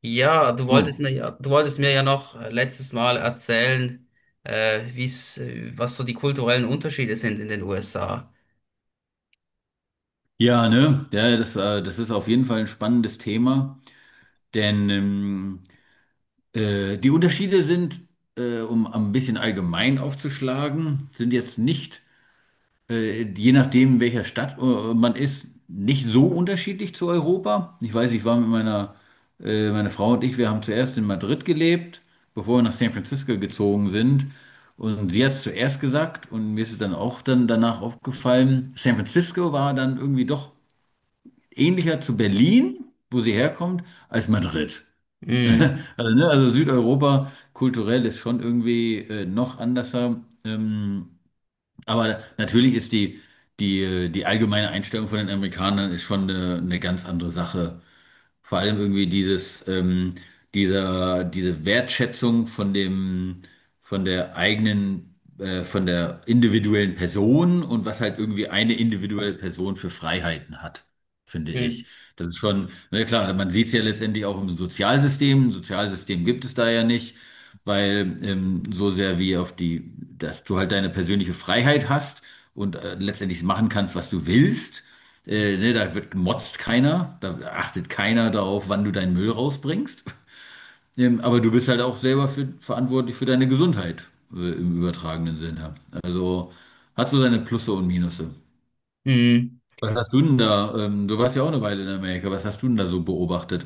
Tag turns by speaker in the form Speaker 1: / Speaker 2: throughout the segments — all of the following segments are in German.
Speaker 1: Ja, du wolltest
Speaker 2: Oh.
Speaker 1: mir ja noch letztes Mal erzählen, was so die kulturellen Unterschiede sind in den USA.
Speaker 2: Ja, ne? Ja, das war, das ist auf jeden Fall ein spannendes Thema, denn die Unterschiede sind, um ein bisschen allgemein aufzuschlagen, sind jetzt nicht, je nachdem, in welcher Stadt man ist, nicht so unterschiedlich zu Europa. Ich weiß, ich war mit meine Frau und ich, wir haben zuerst in Madrid gelebt, bevor wir nach San Francisco gezogen sind. Und sie hat es zuerst gesagt und mir ist es dann auch dann danach aufgefallen, San Francisco war dann irgendwie doch ähnlicher zu Berlin, wo sie herkommt, als Madrid.
Speaker 1: Mm,
Speaker 2: Also, ne, also Südeuropa kulturell ist schon irgendwie noch anderser. Aber natürlich ist die allgemeine Einstellung von den Amerikanern ist schon eine ganz andere Sache, vor allem irgendwie diese Wertschätzung von von der eigenen, von der individuellen Person und was halt irgendwie eine individuelle Person für Freiheiten hat, finde
Speaker 1: mm,
Speaker 2: ich. Das ist schon, na klar, man sieht es ja letztendlich auch im Sozialsystem. Ein Sozialsystem gibt es da ja nicht. Weil so sehr wie auf die, dass du halt deine persönliche Freiheit hast und letztendlich machen kannst, was du willst, ne, da wird gemotzt keiner, da achtet keiner darauf, wann du deinen Müll rausbringst. Aber du bist halt auch selber für, verantwortlich für deine Gesundheit, im übertragenen Sinne. Also hat so seine Plusse und Minusse.
Speaker 1: mm.
Speaker 2: Was hast du denn da? Du warst ja auch eine Weile in Amerika. Was hast du denn da so beobachtet?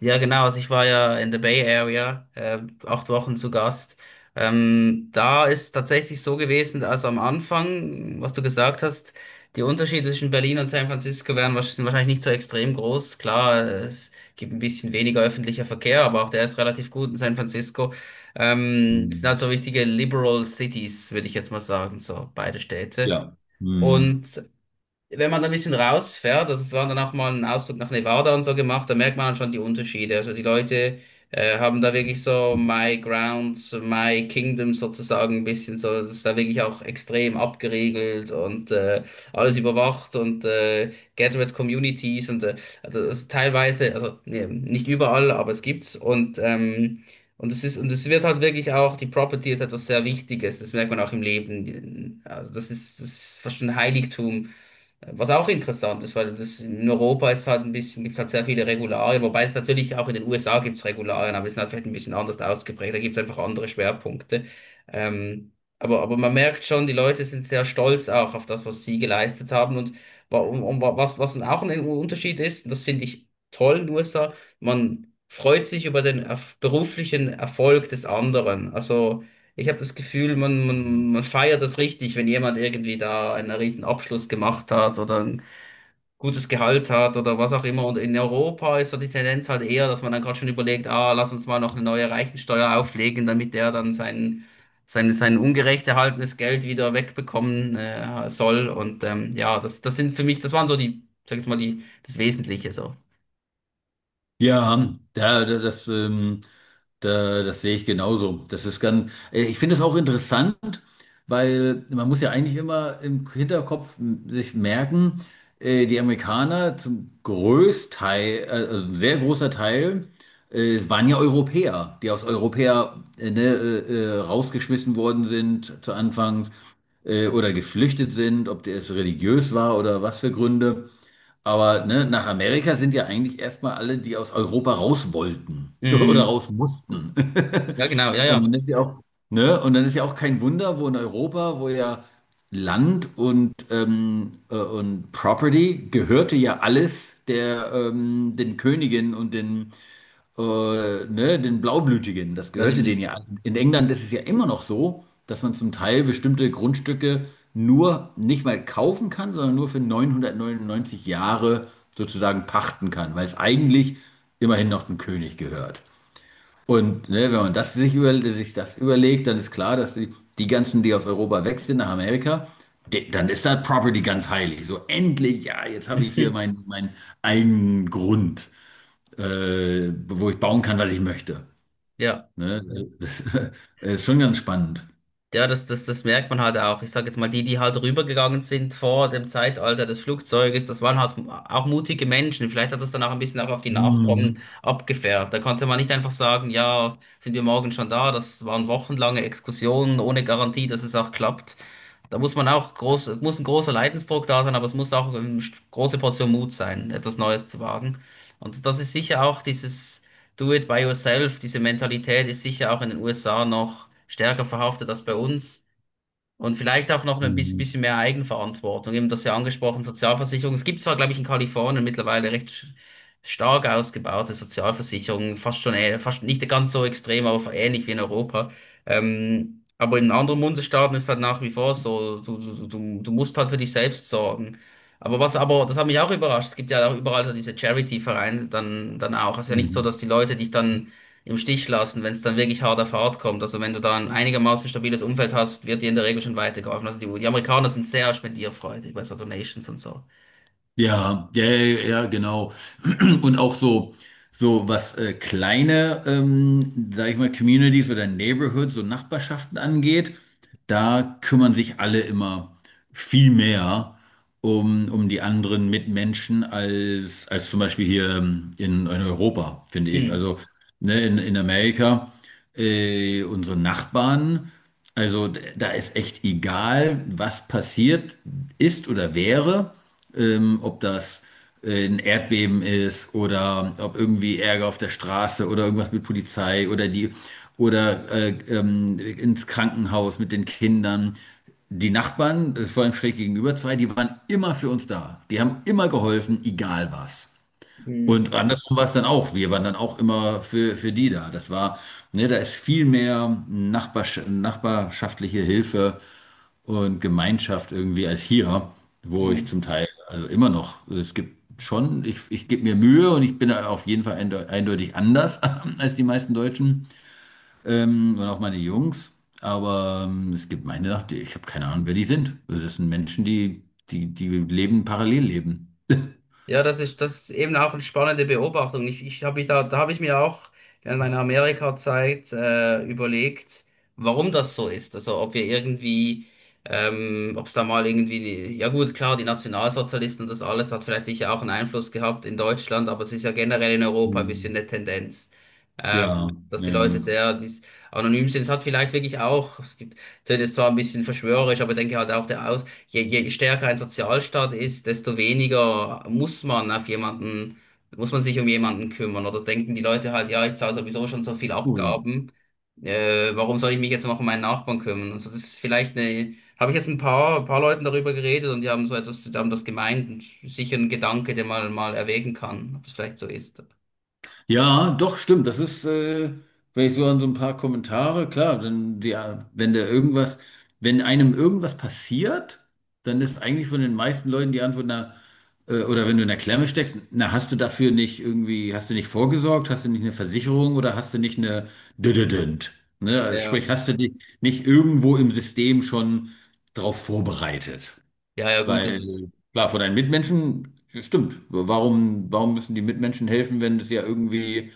Speaker 1: Ja, genau. Also ich war ja in der Bay Area, 8 Wochen zu Gast. Da ist tatsächlich so gewesen, also am Anfang, was du gesagt hast, die Unterschiede zwischen Berlin und San Francisco sind wahrscheinlich nicht so extrem groß. Klar, es gibt ein bisschen weniger öffentlicher Verkehr, aber auch der ist relativ gut in San Francisco. Sind halt
Speaker 2: Hm.
Speaker 1: so richtige Liberal Cities, würde ich jetzt mal sagen, so beide Städte.
Speaker 2: Ja. Hm.
Speaker 1: Und wenn man da ein bisschen rausfährt, also wir haben dann auch mal einen Ausflug nach Nevada und so gemacht, da merkt man dann schon die Unterschiede. Also die Leute haben da wirklich so My Grounds, My Kingdom sozusagen ein bisschen so, das ist da wirklich auch extrem abgeriegelt und alles überwacht und Gated Communities und also das ist teilweise, also nee, nicht überall, aber es gibt's und und es ist, und es wird halt wirklich auch, die Property ist etwas sehr Wichtiges, das merkt man auch im Leben. Also das ist fast ein Heiligtum, was auch interessant ist, weil das in Europa ist halt ein bisschen, gibt es halt sehr viele Regularien, wobei es natürlich auch in den USA gibt es Regularien, aber die sind halt vielleicht ein bisschen anders ausgeprägt, da gibt es einfach andere Schwerpunkte. Ähm, aber man merkt schon, die Leute sind sehr stolz auch auf das, was sie geleistet haben, und und was auch ein Unterschied ist, und das finde ich toll in den USA, man freut sich über den erf beruflichen Erfolg des anderen. Also ich habe das Gefühl, man feiert das richtig, wenn jemand irgendwie da einen riesen Abschluss gemacht hat oder ein gutes Gehalt hat oder was auch immer. Und in Europa ist so die Tendenz halt eher, dass man dann gerade schon überlegt, ah, lass uns mal noch eine neue Reichensteuer auflegen, damit der dann sein ungerecht erhaltenes Geld wieder wegbekommen soll. Und ja, das, das sind für mich, das waren so die, sag ich mal, die, das Wesentliche so.
Speaker 2: Ja, das sehe ich genauso. Das ist ganz, ich finde es auch interessant, weil man muss ja eigentlich immer im Hinterkopf sich merken, die Amerikaner zum Großteil, also ein sehr großer Teil, waren ja Europäer, die aus Europa rausgeschmissen worden sind zu Anfang oder geflüchtet sind, ob das religiös war oder was für Gründe. Aber ne, nach Amerika sind ja eigentlich erstmal alle, die aus Europa raus wollten oder
Speaker 1: Mm,
Speaker 2: raus mussten.
Speaker 1: ja, genau, ja,
Speaker 2: Und
Speaker 1: ja.
Speaker 2: dann ist ja auch, ne? Und dann ist ja auch kein Wunder, wo in Europa, wo ja Land und Property gehörte ja alles der, den Königen und äh, ne, den Blaublütigen. Das
Speaker 1: Ja,
Speaker 2: gehörte denen
Speaker 1: die,
Speaker 2: ja an. In England ist es ja immer noch so, dass man zum Teil bestimmte Grundstücke nur nicht mal kaufen kann, sondern nur für 999 Jahre sozusagen pachten kann, weil es eigentlich immerhin noch dem König gehört. Und ne, wenn man sich das überlegt, dann ist klar, dass die ganzen, die aus Europa weg sind nach Amerika, dann ist das Property ganz heilig. So endlich, ja, jetzt habe ich hier mein eigenen Grund, wo ich bauen kann, was ich möchte.
Speaker 1: ja.
Speaker 2: Ne? Das ist schon ganz spannend.
Speaker 1: Ja, das merkt man halt auch. Ich sage jetzt mal, die, die halt rübergegangen sind vor dem Zeitalter des Flugzeuges, das waren halt auch mutige Menschen. Vielleicht hat das dann auch ein bisschen auch auf die Nachkommen
Speaker 2: Mhm.
Speaker 1: abgefärbt. Da konnte man nicht einfach sagen, ja, sind wir morgen schon da. Das waren wochenlange Exkursionen ohne Garantie, dass es auch klappt. Da muss man muss ein großer Leidensdruck da sein, aber es muss auch eine große Portion Mut sein, etwas Neues zu wagen. Und das ist sicher auch dieses Do it by yourself, diese Mentalität ist sicher auch in den USA noch stärker verhaftet als bei uns. Und vielleicht auch noch ein bisschen
Speaker 2: Mhm.
Speaker 1: bisschen mehr Eigenverantwortung. Eben das ja angesprochen, Sozialversicherung. Es gibt zwar, glaube ich, in Kalifornien mittlerweile stark ausgebaute Sozialversicherungen, fast schon, fast nicht ganz so extrem, aber ähnlich wie in Europa. Aber in anderen Bundesstaaten ist halt nach wie vor so, du musst halt für dich selbst sorgen. Aber das hat mich auch überrascht, es gibt ja auch überall so diese Charity-Vereine dann auch. Es ist ja nicht so,
Speaker 2: Mhm.
Speaker 1: dass die Leute dich dann im Stich lassen, wenn es dann wirklich hart auf hart kommt. Also wenn du da ein einigermaßen stabiles Umfeld hast, wird dir in der Regel schon weitergeholfen. Also die Amerikaner sind sehr spendierfreudig bei so Donations und so.
Speaker 2: Ja, ja, ja, ja, genau. Und auch so, so was kleine, sag ich mal, Communities oder Neighborhoods und Nachbarschaften angeht, da kümmern sich alle immer viel mehr um die anderen Mitmenschen als, als zum Beispiel hier in Europa, finde ich.
Speaker 1: Hm.
Speaker 2: Also ne, in Amerika, unsere Nachbarn. Also da ist echt egal, was passiert ist oder wäre, ob das ein Erdbeben ist oder ob irgendwie Ärger auf der Straße oder irgendwas mit Polizei oder die oder ins Krankenhaus mit den Kindern. Die Nachbarn, vor allem schräg gegenüber zwei, die waren immer für uns da. Die haben immer geholfen, egal was.
Speaker 1: Mhm.
Speaker 2: Und andersrum war es dann auch. Wir waren dann auch immer für die da. Das war, ne, da ist viel mehr nachbarschaftliche Hilfe und Gemeinschaft irgendwie als hier, wo ich
Speaker 1: Hm.
Speaker 2: zum Teil, also immer noch, also es gibt schon, ich gebe mir Mühe und ich bin da auf jeden Fall eindeutig anders als die meisten Deutschen und auch meine Jungs. Aber es gibt ich habe keine Ahnung, wer die sind. Also das sind Menschen, die leben, parallel leben.
Speaker 1: Ja, das ist eben auch eine spannende Beobachtung. Ich habe da habe ich mir auch während meiner Amerika-Zeit überlegt, warum das so ist. Also ob wir irgendwie, ob es da mal irgendwie, ja gut, klar, die Nationalsozialisten und das alles hat vielleicht sicher auch einen Einfluss gehabt in Deutschland, aber es ist ja generell in Europa ein
Speaker 2: Hm.
Speaker 1: bisschen eine Tendenz.
Speaker 2: Ja,
Speaker 1: Dass die
Speaker 2: ja,
Speaker 1: Leute
Speaker 2: ja.
Speaker 1: sehr dies, anonym sind. Es hat vielleicht wirklich auch, es gibt, das ist zwar ein bisschen verschwörerisch, aber ich denke halt auch der Aus, je stärker ein Sozialstaat ist, desto weniger muss man auf jemanden, muss man sich um jemanden kümmern. Oder denken die Leute halt, ja, ich zahle sowieso schon so viel
Speaker 2: Cool.
Speaker 1: Abgaben, warum soll ich mich jetzt noch um meinen Nachbarn kümmern? Also das ist vielleicht eine, habe ich jetzt ein paar, paar Leuten darüber geredet und die haben so etwas, die haben das gemeint und sicher ein Gedanke, den man mal erwägen kann, ob es vielleicht so ist.
Speaker 2: Ja, doch, stimmt. Das ist, wenn ich so an so ein paar Kommentare, klar, dann, ja, wenn da irgendwas, wenn einem irgendwas passiert, dann ist eigentlich von den meisten Leuten die Antwort, na, oder wenn du in der Klemme steckst, na, hast du dafür nicht irgendwie, hast du nicht vorgesorgt, hast du nicht eine Versicherung oder hast du nicht eine Dödödönd? Ne? Also
Speaker 1: Ja.
Speaker 2: sprich, hast du dich nicht irgendwo im System schon drauf vorbereitet?
Speaker 1: Ja, ja, gut, das,
Speaker 2: Weil, klar, von deinen Mitmenschen, stimmt. Warum, warum müssen die Mitmenschen helfen, wenn es ja irgendwie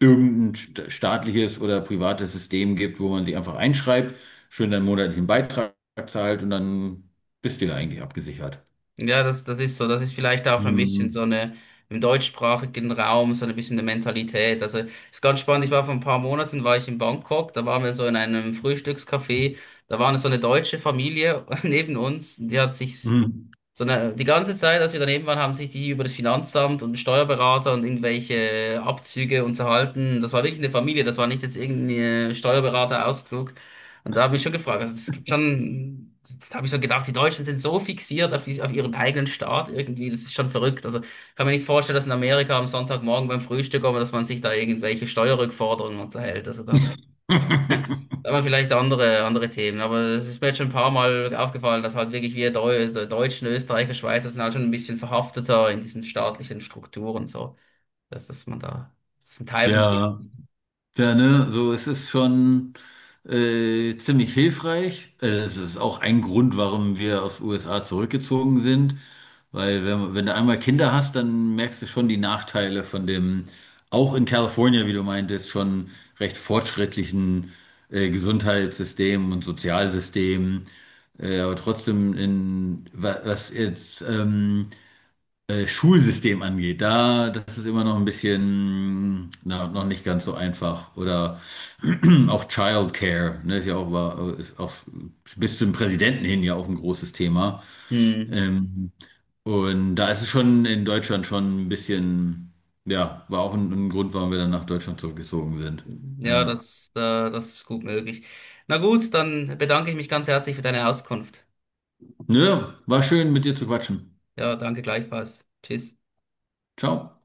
Speaker 2: irgendein staatliches oder privates System gibt, wo man sie einfach einschreibt, schön deinen monatlichen Beitrag zahlt und dann bist du ja eigentlich abgesichert.
Speaker 1: ja, das, das ist so. Das ist vielleicht auch ein
Speaker 2: Hm.
Speaker 1: bisschen so eine, im deutschsprachigen Raum so ein bisschen eine Mentalität. Also ist ganz spannend. Ich war vor ein paar Monaten war ich in Bangkok. Da waren wir so in einem Frühstückscafé. Da war eine so eine deutsche Familie neben uns. Die hat sich,
Speaker 2: Hm.
Speaker 1: sondern die ganze Zeit, als wir daneben waren, haben sich die über das Finanzamt und Steuerberater und irgendwelche Abzüge unterhalten. Das war wirklich eine Familie, das war nicht jetzt irgendein Steuerberater-Ausflug. Und da habe ich schon gefragt, also es gibt schon, da habe ich so gedacht, die Deutschen sind so fixiert auf, auf ihren eigenen Staat irgendwie, das ist schon verrückt. Also ich kann mir nicht vorstellen, dass in Amerika am Sonntagmorgen beim Frühstück, aber dass man sich da irgendwelche Steuerrückforderungen unterhält. Also da, aber vielleicht andere, andere Themen. Aber es ist mir jetzt schon ein paar Mal aufgefallen, dass halt wirklich wir Deutschen, Österreicher, Schweizer sind halt schon ein bisschen verhafteter in diesen staatlichen Strukturen so. Dass man da, das ist ein Teil von.
Speaker 2: Ja. Ja, ne, so es ist schon ziemlich hilfreich. Es ist auch ein Grund, warum wir aus den USA zurückgezogen sind, weil wenn du einmal Kinder hast, dann merkst du schon die Nachteile von dem, auch in Kalifornien, wie du meintest, schon recht fortschrittlichen Gesundheitssystem und Sozialsystem. Aber trotzdem in was jetzt Schulsystem angeht, da, das ist immer noch ein bisschen, na, noch nicht ganz so einfach. Oder auch Childcare, ne, ist ja auch, war, ist auch bis zum Präsidenten hin ja auch ein großes Thema.
Speaker 1: Hm.
Speaker 2: Ähm, und da ist es schon in Deutschland schon ein bisschen, ja, war auch ein Grund, warum wir dann nach Deutschland zurückgezogen sind.
Speaker 1: Ja,
Speaker 2: Ja.
Speaker 1: das ist gut möglich. Na gut, dann bedanke ich mich ganz herzlich für deine Auskunft.
Speaker 2: Nö, war schön mit dir zu quatschen.
Speaker 1: Ja, danke gleichfalls. Tschüss.
Speaker 2: Ciao.